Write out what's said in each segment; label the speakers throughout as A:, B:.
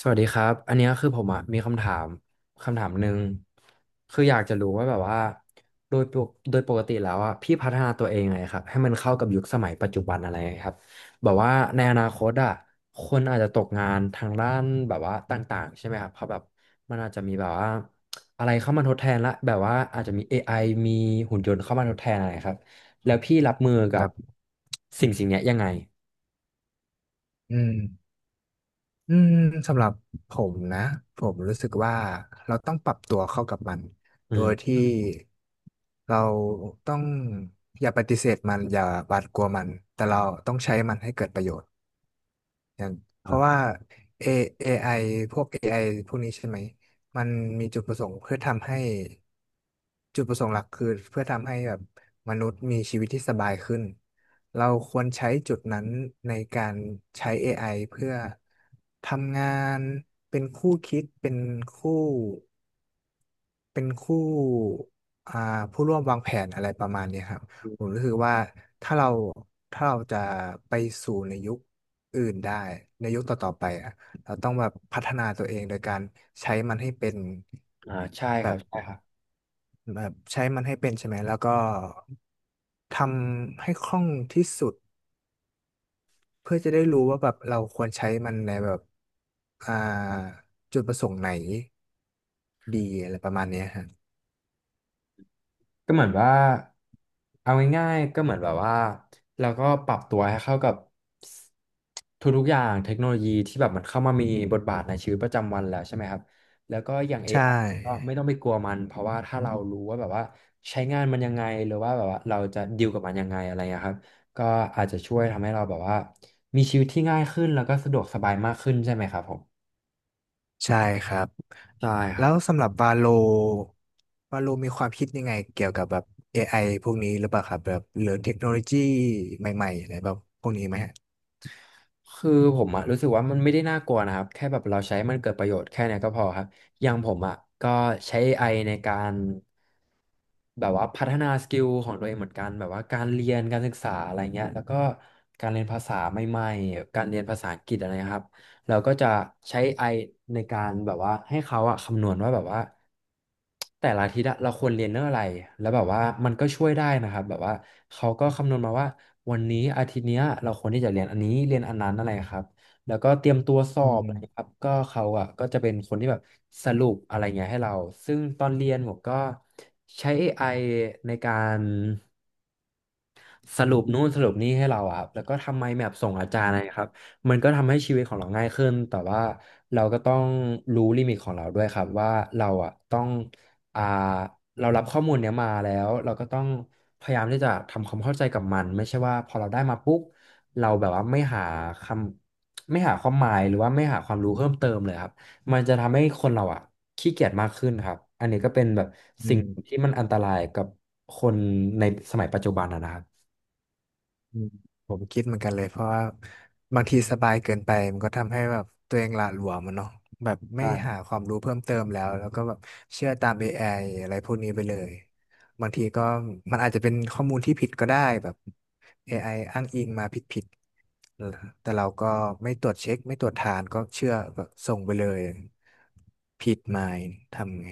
A: สวัสดีครับอันเนี้ยคือผมอะมีคำถามคำถามหนึ่งคืออยากจะรู้ว่าแบบว่าโดยปกติแล้วอะพี่พัฒนาตัวเองไงครับให้มันเข้ากับยุคสมัยปัจจุบันอะไรครับแบบว่าในอนาคตอะคนอาจจะตกงานทางด้านแบบว่าต่างๆใช่ไหมครับเพราะแบบมันอาจจะมีแบบว่าอะไรเข้ามาทดแทนละแบบว่าอาจจะมีเอไอมีหุ่นยนต์เข้ามาทดแทนอะไรครับแล้วพี่รับมือ
B: ค
A: กั
B: รั
A: บ
B: บ
A: สิ่งเนี้ยยังไง
B: อืมอืมสำหรับผมนะ ผมรู้สึกว่าเราต้องปรับตัวเข้ากับมัน
A: อื
B: โดยที่
A: ม
B: เราต้องอย่าปฏิเสธมันอย่าหวาดกลัวมัน แต่เราต้องใช้มันให้เกิดประโยชน์ อย่างเพราะ
A: อ่า
B: ว่า A เอไ i พวก AI พวกนี้ใช่ไหมมันมีจุดประสงค์เพื่อทำให้จุดประสงค์หลักคือเพื่อทำให้แบบมนุษย์มีชีวิตที่สบายขึ้นเราควรใช้จุดนั้นในการใช้ AI เพื่อทำงานเป็นคู่คิดเป็นคู่ เป็นคู่อ่าผู้ร่วมวางแผนอะไรประมาณเนี้ยครับผมรู้สึกว่าถ้าเราถ้าเราจะไปสู่ในยุคอื่นได้ในยุคต่อๆไปอ่ะเราต้องแบบพัฒนาตัวเองโดยการใช้มันให้เป็น
A: อ่าใช่ครั
B: แบบ
A: บใช่ครับ
B: แบบใช้มันให้เป็นใช่ไหมแล้วก็ทำให้คล่องที่สุดเพื่อจะได้รู้ว่าแบบเราควรใช้มันในแบบอ่าจุดประสงค์ไหนดีอะไรประมาณเนี้ยฮะ
A: ก็เหมือนว่าเอาง่ายๆก็เหมือนแบบว่าเราก็ปรับตัวให้เข้ากับทุกๆอย่างเทคโนโลยีที่แบบมันเข้ามามีบทบาทในชีวิตประจำวันแล้วใช่ไหมครับแล้วก็อย่าง
B: ใช
A: AI ก็
B: ่
A: ไม่ต้องไปกลัวมันเพราะว่าถ้าเรารู้ว่าแบบว่าใช้งานมันยังไงหรือว่าแบบว่าเราจะดีลกับมันยังไงอะไรเงี้ยครับก็อาจจะช่วยทำให้เราแบบว่ามีชีวิตที่ง่ายขึ้นแล้วก็สะดวกสบายมากขึ้นใช่ไหมครับผม
B: ใช่ครับ
A: ใช่ค
B: แล้
A: รับ
B: วสำหรับวาโลวาโลมีความคิดยังไงเกี่ยวกับแบบ AI พวกนี้หรือเปล่าครับแบบหรือเทคโนโลยีใหม่ๆอะไรแบบพวกนี้ไหมฮะ
A: คือผมอะรู้สึกว่ามันไม่ได้น่ากลัวนะครับแค่แบบเราใช้มันเกิดประโยชน์แค่เนี้ยก็พอครับอย่างผมอะก็ใช้เอไอในการแบบว่าพัฒนาสกิลของตัวเองเหมือนกันแบบว่าการเรียนการศึกษาอะไรเงี้ยแล้วก็การเรียนภาษาใหม่ๆการเรียนภาษาอังกฤษอะไรนะครับ เราก็จะใช้ไ i ในการแบบว่าให้เขาอะคำนวณว่าแบบว่าแต่ละอาทิตย์อะเราควรเรียนเรื่องอะไรแล้วแบบว่ามันก็ช่วยได้นะครับแบบว่าเขาก็คำนวณมาว่าวันนี้อาทิตย์เนี้ยเราควรที่จะเรียนอันนี้เรียนอันนั้นอะไรครับแล้วก็เตรียมตัวสอ
B: อื
A: บอะไรครั
B: ม
A: บก็เขาอะก็จะเป็นคนที่แบบสรุปอะไรเงี้ยให้เราซึ่งตอนเรียนผมก็ใช้เอไอในการ สรุปนู่นสรุปนี่ให้เราอะครับแล้วก็ทำไมแมปส่งอาจารย์นะครับมันก็ทำให้ชีวิตของเราง่ายขึ้นแต่ว่าเราก็ต้องรู้ลิมิตของเราด้วยครับว่าเราอะต้องอ่าเรารับข้อมูลเนี้ยมาแล้วเราก็ต้องพยายามที่จะทำความเข้าใจกับมันไม่ใช่ว่าพอเราได้มาปุ๊บเราแบบว่าไม่หาคำไม่หาความหมายหรือว่าไม่หาความรู้เพิ่มเติมเลยครับมันจะทำให้คนเราอะขี้เกียจมากขึ้นครับอันนี้ก็เป็นแบบ
B: อื
A: สิ่ง
B: ม
A: ที่มันอันตรายกับคนในสมัยปัจจุบันอะนะครับ
B: อืมผมคิดเหมือนกันเลยเพราะว่าบางทีสบายเกินไปมันก็ทำให้แบบตัวเองหละหลวมมันเนาะแบบไม่
A: ใช่ับ
B: หาความรู้เพิ่มเติมแล้วก็แบบเชื่อตาม AIอะไรพวกนี้ไปเลยบางทีก็มันอาจจะเป็นข้อมูลที่ผิดก็ได้แบบ AI อไออ้างอิงมาผิดแต่เราก็ไม่ตรวจเช็คไม่ตรวจทานก็เชื่อก็ส่งไปเลยผิดมาทำไง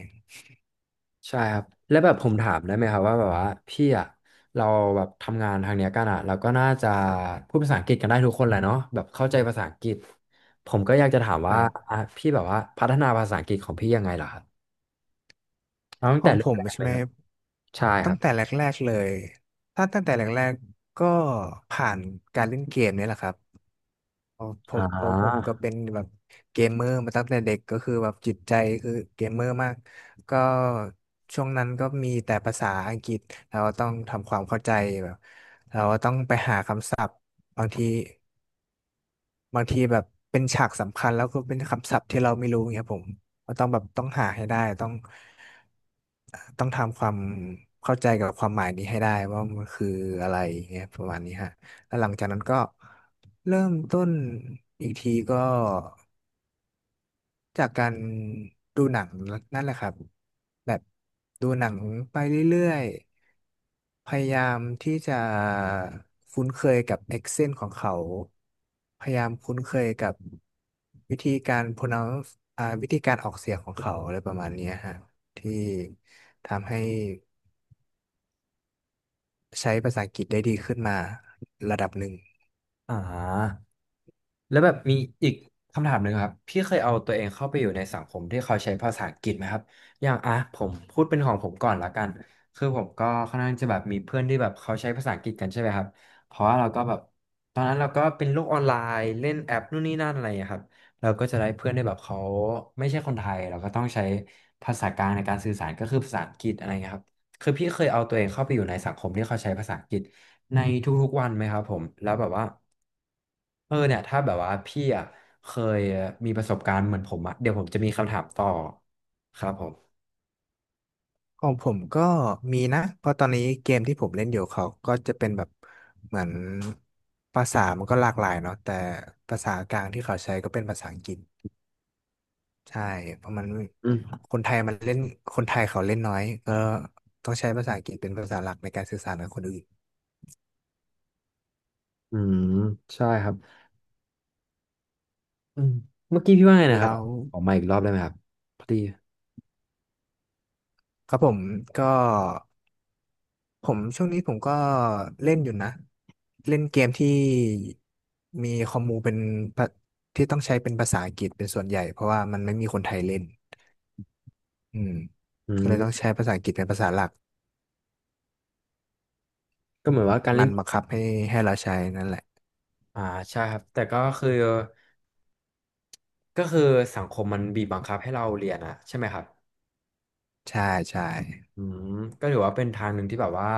A: ใช่ครับแล้วแบบผมถามได้ไหมครับว่าแบบว่าพี่อะเราแบบทำงานทางเนี้ยกันอะเราก็น่าจะพูดภาษาอังกฤษกันได้ทุกคนแหละเนาะแบบเข้าใจภาษาอังกฤษผมก็อยากจะถาม
B: ค
A: ว่า
B: รับ
A: อ่ะพี่แบบว่าพัฒนาภาษาอังกฤษของพี่ยังไงล่ะครับเอาตั้ง
B: ข
A: แต่
B: อง
A: เริ่
B: ผ
A: ม
B: ม
A: แรก
B: ใช่
A: เลย
B: ไหม
A: ครับใช่ค
B: ตั้
A: รั
B: ง
A: บ
B: แต่แรกๆเลยถ้าตั้งแต่แรกๆก็ผ่านการเล่นเกมเนี่ยแหละครับเพราะผ
A: อ่
B: มเพราะผม
A: า
B: ก็เป็นแบบเกมเมอร์มาตั้งแต่เด็กก็คือแบบจิตใจคือเกมเมอร์มากก็ช่วงนั้นก็มีแต่ภาษาอังกฤษเราก็ต้องทำความเข้าใจแบบเราก็ต้องไปหาคำศัพท์บางที บางทีแบบเป็นฉากสำคัญแล้วก็เป็นคำศัพท์ที่เราไม่รู้เงี้ยผมก็ต้องแบบต้องหาให้ได้ต้องต้องทำความเข้าใจกับความหมายนี้ให้ได้ว่ามันคืออะไรเงี้ยประมาณนี้ฮะแล้วหลังจากนั้นก็เริ่มต้นอีกทีก็จากการดูหนังนั่นแหละครับแบบดูหนังไปเรื่อย พยายามที่จะคุ้นเคยกับ accent ของเขา พยายามคุ้นเคยกับวิธีการ pronounce วิธีการออกเสียงของเขาอะไรประมาณเนี้ยฮะที่ทำให้ใช้ภาษาอังกฤษได้ดีขึ้นมาระดับหนึ่ง
A: อ่า แล้วแบบมีอีกคำถามหนึ่งครับพี่เคยเอาตัวเองเข้าไปอยู่ในสังคมที่เขาใช้ภาษาอังกฤษไหมครับอย่างอ่ะผมพูดเป็นของผมก่อนละกันคือผมก็ค่อนข้างจะแบบมีเพื่อนที่แบบเขาใช้ภาษาอังกฤษกันใช่ไหมครับเพราะว่าเราก็แบบตอนนั้นเราก็เป็นโลกออนไลน์เล่นแอปนู่นนี่นั่นอะไรอย่างเงี้ยครับเราก็จะได้เพื่อนที่แบบเขาไม่ใช่คนไทยเราก็ต้องใช้ภาษากลางในการสื่อสารก็คือภาษาอังกฤษอะไรเงี้ยครับคือพี่เคยเอาตัวเองเข้าไปอยู่ในสังคมที่เขาใช้ภาษาอังกฤษในทุกๆวันไหมครับผมแล้วแบบว่า เออเนี่ยถ้าแบบว่าพี่อ่ะเคยมีประสบการณ์เหมือนผมอ่ะเดี๋ยวผมจะมีคำถามต่อครับผม
B: ของผมก็มีนะเพราะตอนนี้เกมที่ผมเล่นอยู่เขาก็จะเป็นแบบเหมือนภาษามันก็หลากหลายเนาะแต่ภาษากลางที่เขาใช้ก็เป็นภาษาอังกฤษ ใช่เพราะมัน
A: อืม
B: คนไทยมันเล่นคนไทยเขาเล่นน้อยก็ต้องใช้ภาษาอังกฤษเป็นภาษาหลักในการสื่อสารกับคนอื่น
A: อืมใช่ครับอืมเมื่อกี้พี่ว่าไงนะครับ
B: แล้ว
A: ออกมาอีกรอบได้ไหมครับพอดี
B: ครับผมก็ช่วงนี้ผมก็เล่นอยู่นะเล่นเกมที่มีคอมมูเป็นภาที่ต้องใช้เป็นภาษาอังกฤษเป็นส่วนใหญ่เพราะว่ามันไม่มีคนไทยเล่นอืม
A: อื
B: ก็เลยต้อง
A: ม
B: ใช้ภาษาอังกฤษเป็นภาษาหลัก
A: ก็เหมือนว่าการเล่
B: มั
A: น
B: นบังคับให้เราใช้นั่นแหละ
A: อ่าใช่ครับแต่ก็คือก็คือสังคมมันบีบบังคับให้เราเรียนอ่ะใช่ไหมครับ
B: ใช่ใช่
A: อืมก็ถือว่าเป็นทางหนึ่งที่แบบว่า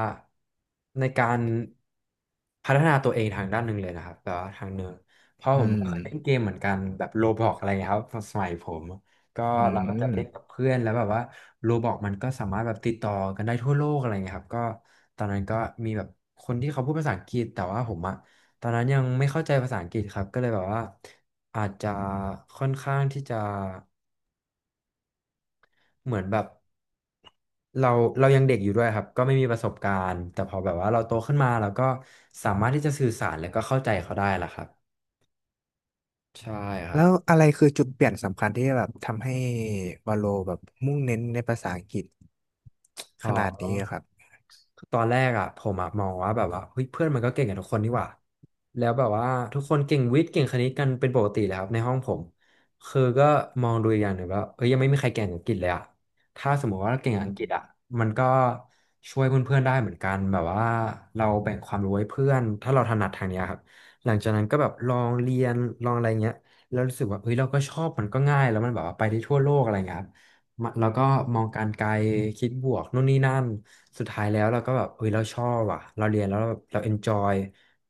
A: ในการพัฒนาตัวเองทางด้านหนึ่งเลยนะครับแต่ว่าทางหนึ่งเพราะ
B: อื
A: ผม
B: ม
A: ก็เคยเล่นเกมเหมือนกันแบบโรบล็อกอะไรเงี้ยครับสมัยผมก็
B: อื
A: เราก็จะเล่นกับ
B: ม
A: เพื่อนแล้วแบบว่าโรบล็อกมันก็สามารถแบบติดต่อกันได้ทั่วโลกอะไรเงี้ยครับก็ตอนนั้นก็มีแบบคนที่เขาพูดภาษาอังกฤษแต่ว่าผมอะตอนนั้นยังไม่เข้าใจภาษาอังกฤษครับก็เลยแบบว่าอาจจะค่อนข้างที่จะ เหมือนแบบเราเรายังเด็กอยู่ด้วยครับก็ไม่มีประสบการณ์แต่พอแบบว่าเราโตขึ้นมาเราก็สามารถที่จะสื่อสารแล้วก็เข้าใจเขาได้ละครับใช่ครั
B: แล้
A: บ
B: วอะไรคือจุดเปลี่ยนสำคัญที่แบบทำให้วาโลแบบมุ่งเน้นในภาษาอังกฤษ
A: พ
B: ขนาด
A: อ
B: นี้อะครับ
A: คือตอนแรกอ่ะผมอะมองว่าแบบว่าเฮ้ยเพื่อนมันก็เก่งกันทุกคนนี่หว่าแล้วแบบว่าทุกคนเก่งวิทย์เก่งคณิตกันเป็นปกติเลยครับในห้องผมคือก็มองดูอีกอย่างหนึ่งว่าเอ้ยยังไม่มีใครเก่งอังกฤษเลยอ่ะถ้าสมมติว่าเราเก่ง
B: อื
A: อังกฤษ
B: ม
A: อ่ะมันก็ช่วยเพื่อนๆได้เหมือนกันแบบว่าเราแบ่งความรู้ให้เพื่อนถ้าเราถนัดทางเนี้ยครับหลังจากนั้นก็แบบลองเรียนลองอะไรเงี้ยแล้วรู้สึกว่าเฮ้ยเราก็ชอบมันก็ง่ายแล้วมันแบบว่าไปได้ทั่วโลกอะไรเงี้ยครับ มาแล้วก็มองการไกลคิดบวกนู่นนี่นั่นสุดท้ายแล้วเราก็แบบเฮ้ยเราชอบอ่ะเราเรียนแล้วเราเอนจอย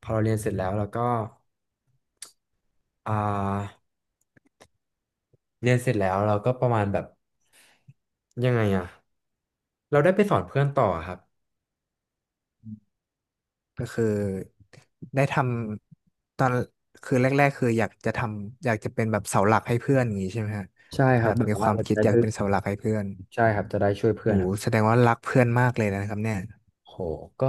A: พอเราเรียนเสร็จแล้วเราก็อ่าเรียนเสร็จแล้วเราก็ประมาณแบบยังไงอ่ะเราได้ไปสอนเพื่อนต่อครับ
B: ก็คือได้ทำตอนคือแรกๆคืออยากจะทำอยากจะเป็นแบบเสาหลักให้เพื่อนอย่างนี้ใช่ไหมฮะ
A: ใช่ค
B: แบ
A: รับ
B: บ
A: แบบ
B: มีค
A: ว่า
B: วาม
A: เราจะ
B: คิด
A: ได้
B: อยาก
A: ช่ว
B: เป็น
A: ย
B: เสาหลักให้เพื่อน
A: ใช่ครับจะได้ช่วยเพื่
B: โห
A: อนครับ
B: แสดงว่ารักเพื่อนมากเลยนะครับเนี่ย
A: โหก็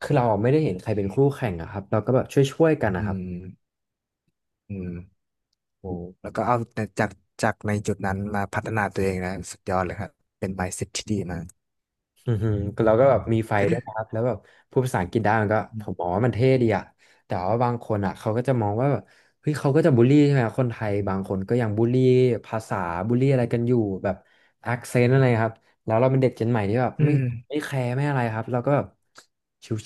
A: คือเราไม่ได้เห็นใครเป็นคู่แข่งอะครับเราก็แบบช่วยๆกัน
B: อื
A: นะครับ
B: มอืมโหแล้วก็เอาแต่จากในจุดนั้นมาพัฒนาตัวเองนะสุดยอดเลยครับเป็น mindset ที่ดีมาก
A: อือหือวก็แบบมีไฟด้วยครับแล้วแบบพูดภาษาอังกฤษได้มันก็
B: อื
A: ผมม
B: ม
A: องว่ามันเท่ดีอะแต่ว่าบางคนอะเขาก็จะมองว่าแบบเฮ้ยเขาก็จะบูลลี่ใช่ไหมคนไทยบางคนก็ยังบูลลี่ภาษาบูลลี่อะไรกันอยู่แบบแอคเซนต์อะไรครับแล้วเราเป็นเด็กเจนใหม่ที่แบบ
B: อื
A: ไม่
B: ม
A: ไม่แคร์ไม่อะไรครับเราก็แบบ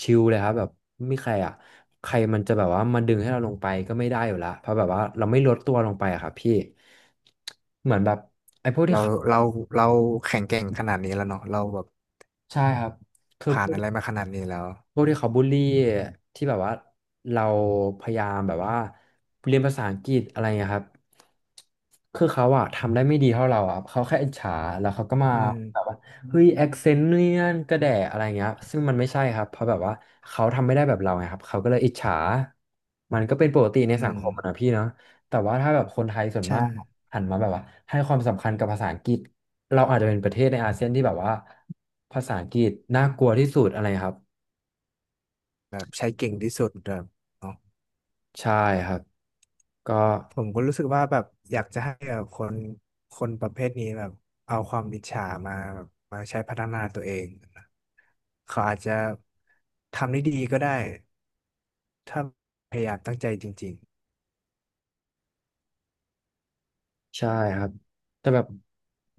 A: ชิวๆเลยครับแบบไม่แคร์อะใครมันจะแบบว่ามาดึงให้เราลงไปก็ไม่ได้อยู่ละเพราะแบบว่าเราไม่ลดตัวลงไปอะครับพี่เหมือนแบบไอ้พวกที่
B: เรา
A: เขา
B: เราเราแข็งแกร่งขนาดนี้แล้วเนาะเราแบบ
A: ใช่ครับคือ
B: ผ่า
A: พ
B: น
A: วก
B: อะไรมาขนาดนี้แล้ว
A: พวกที่เขาบูลลี่ที่แบบว่าเราพยายามแบบว่าเรียนภาษาอังกฤษอะไรเงี้ยครับคือเขาอะทำได้ไม่ดีเท่าเราอะเขาแค่อิจฉาแล้วเขาก็มา
B: อื
A: แบบ
B: ม
A: ว่าเฮ้ยแอคเซนต์เนี่ยนกระแดะอะไรเงี้ยซึ่งมันไม่ใช่ครับเพราะแบบว่าเขาทำไม่ได้แบบเราไงครับเขาก็เลยอิจฉามันก็เป็นปกติใน
B: อื
A: สัง
B: ม
A: คมอะนะพี่เนาะแต่ว่าถ้าแบบคนไทยส่วน
B: ใช่
A: มากหันมาแบบว่าให้ความสำคัญกับภาษาอังกฤษเราอาจจะเป็นประเทศในอาเซียนที่แบบว่าภาษาอังกฤษน่ากลัวที่สุดอะไรครับ
B: แบบใช้เก่งที่สุดแบบเนาะ
A: ใช่ครับก็
B: ผมก็รู้สึกว่าแบบอยากจะให้แบบคนประเภทนี้แบบเอาความอิจฉามาแบบมาใช้พัฒนาตัวเองนะเขาอาจจะทำได้ดีก็ได้ถ้าพยายามตั้งใจจริง
A: ใช่ครับแต่แบบ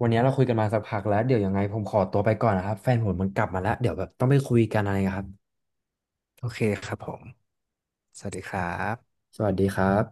A: วันนี้เราคุยกันมาสักพักแล้วเดี๋ยวยังไงผมขอตัวไปก่อนนะครับแฟนผมมันกลับมาแล้วเดี๋ยวแบบต้องไปคุยกันอะไรครับ
B: ๆโอเคครับผมสวัสดีครับ
A: สวัสดีครับ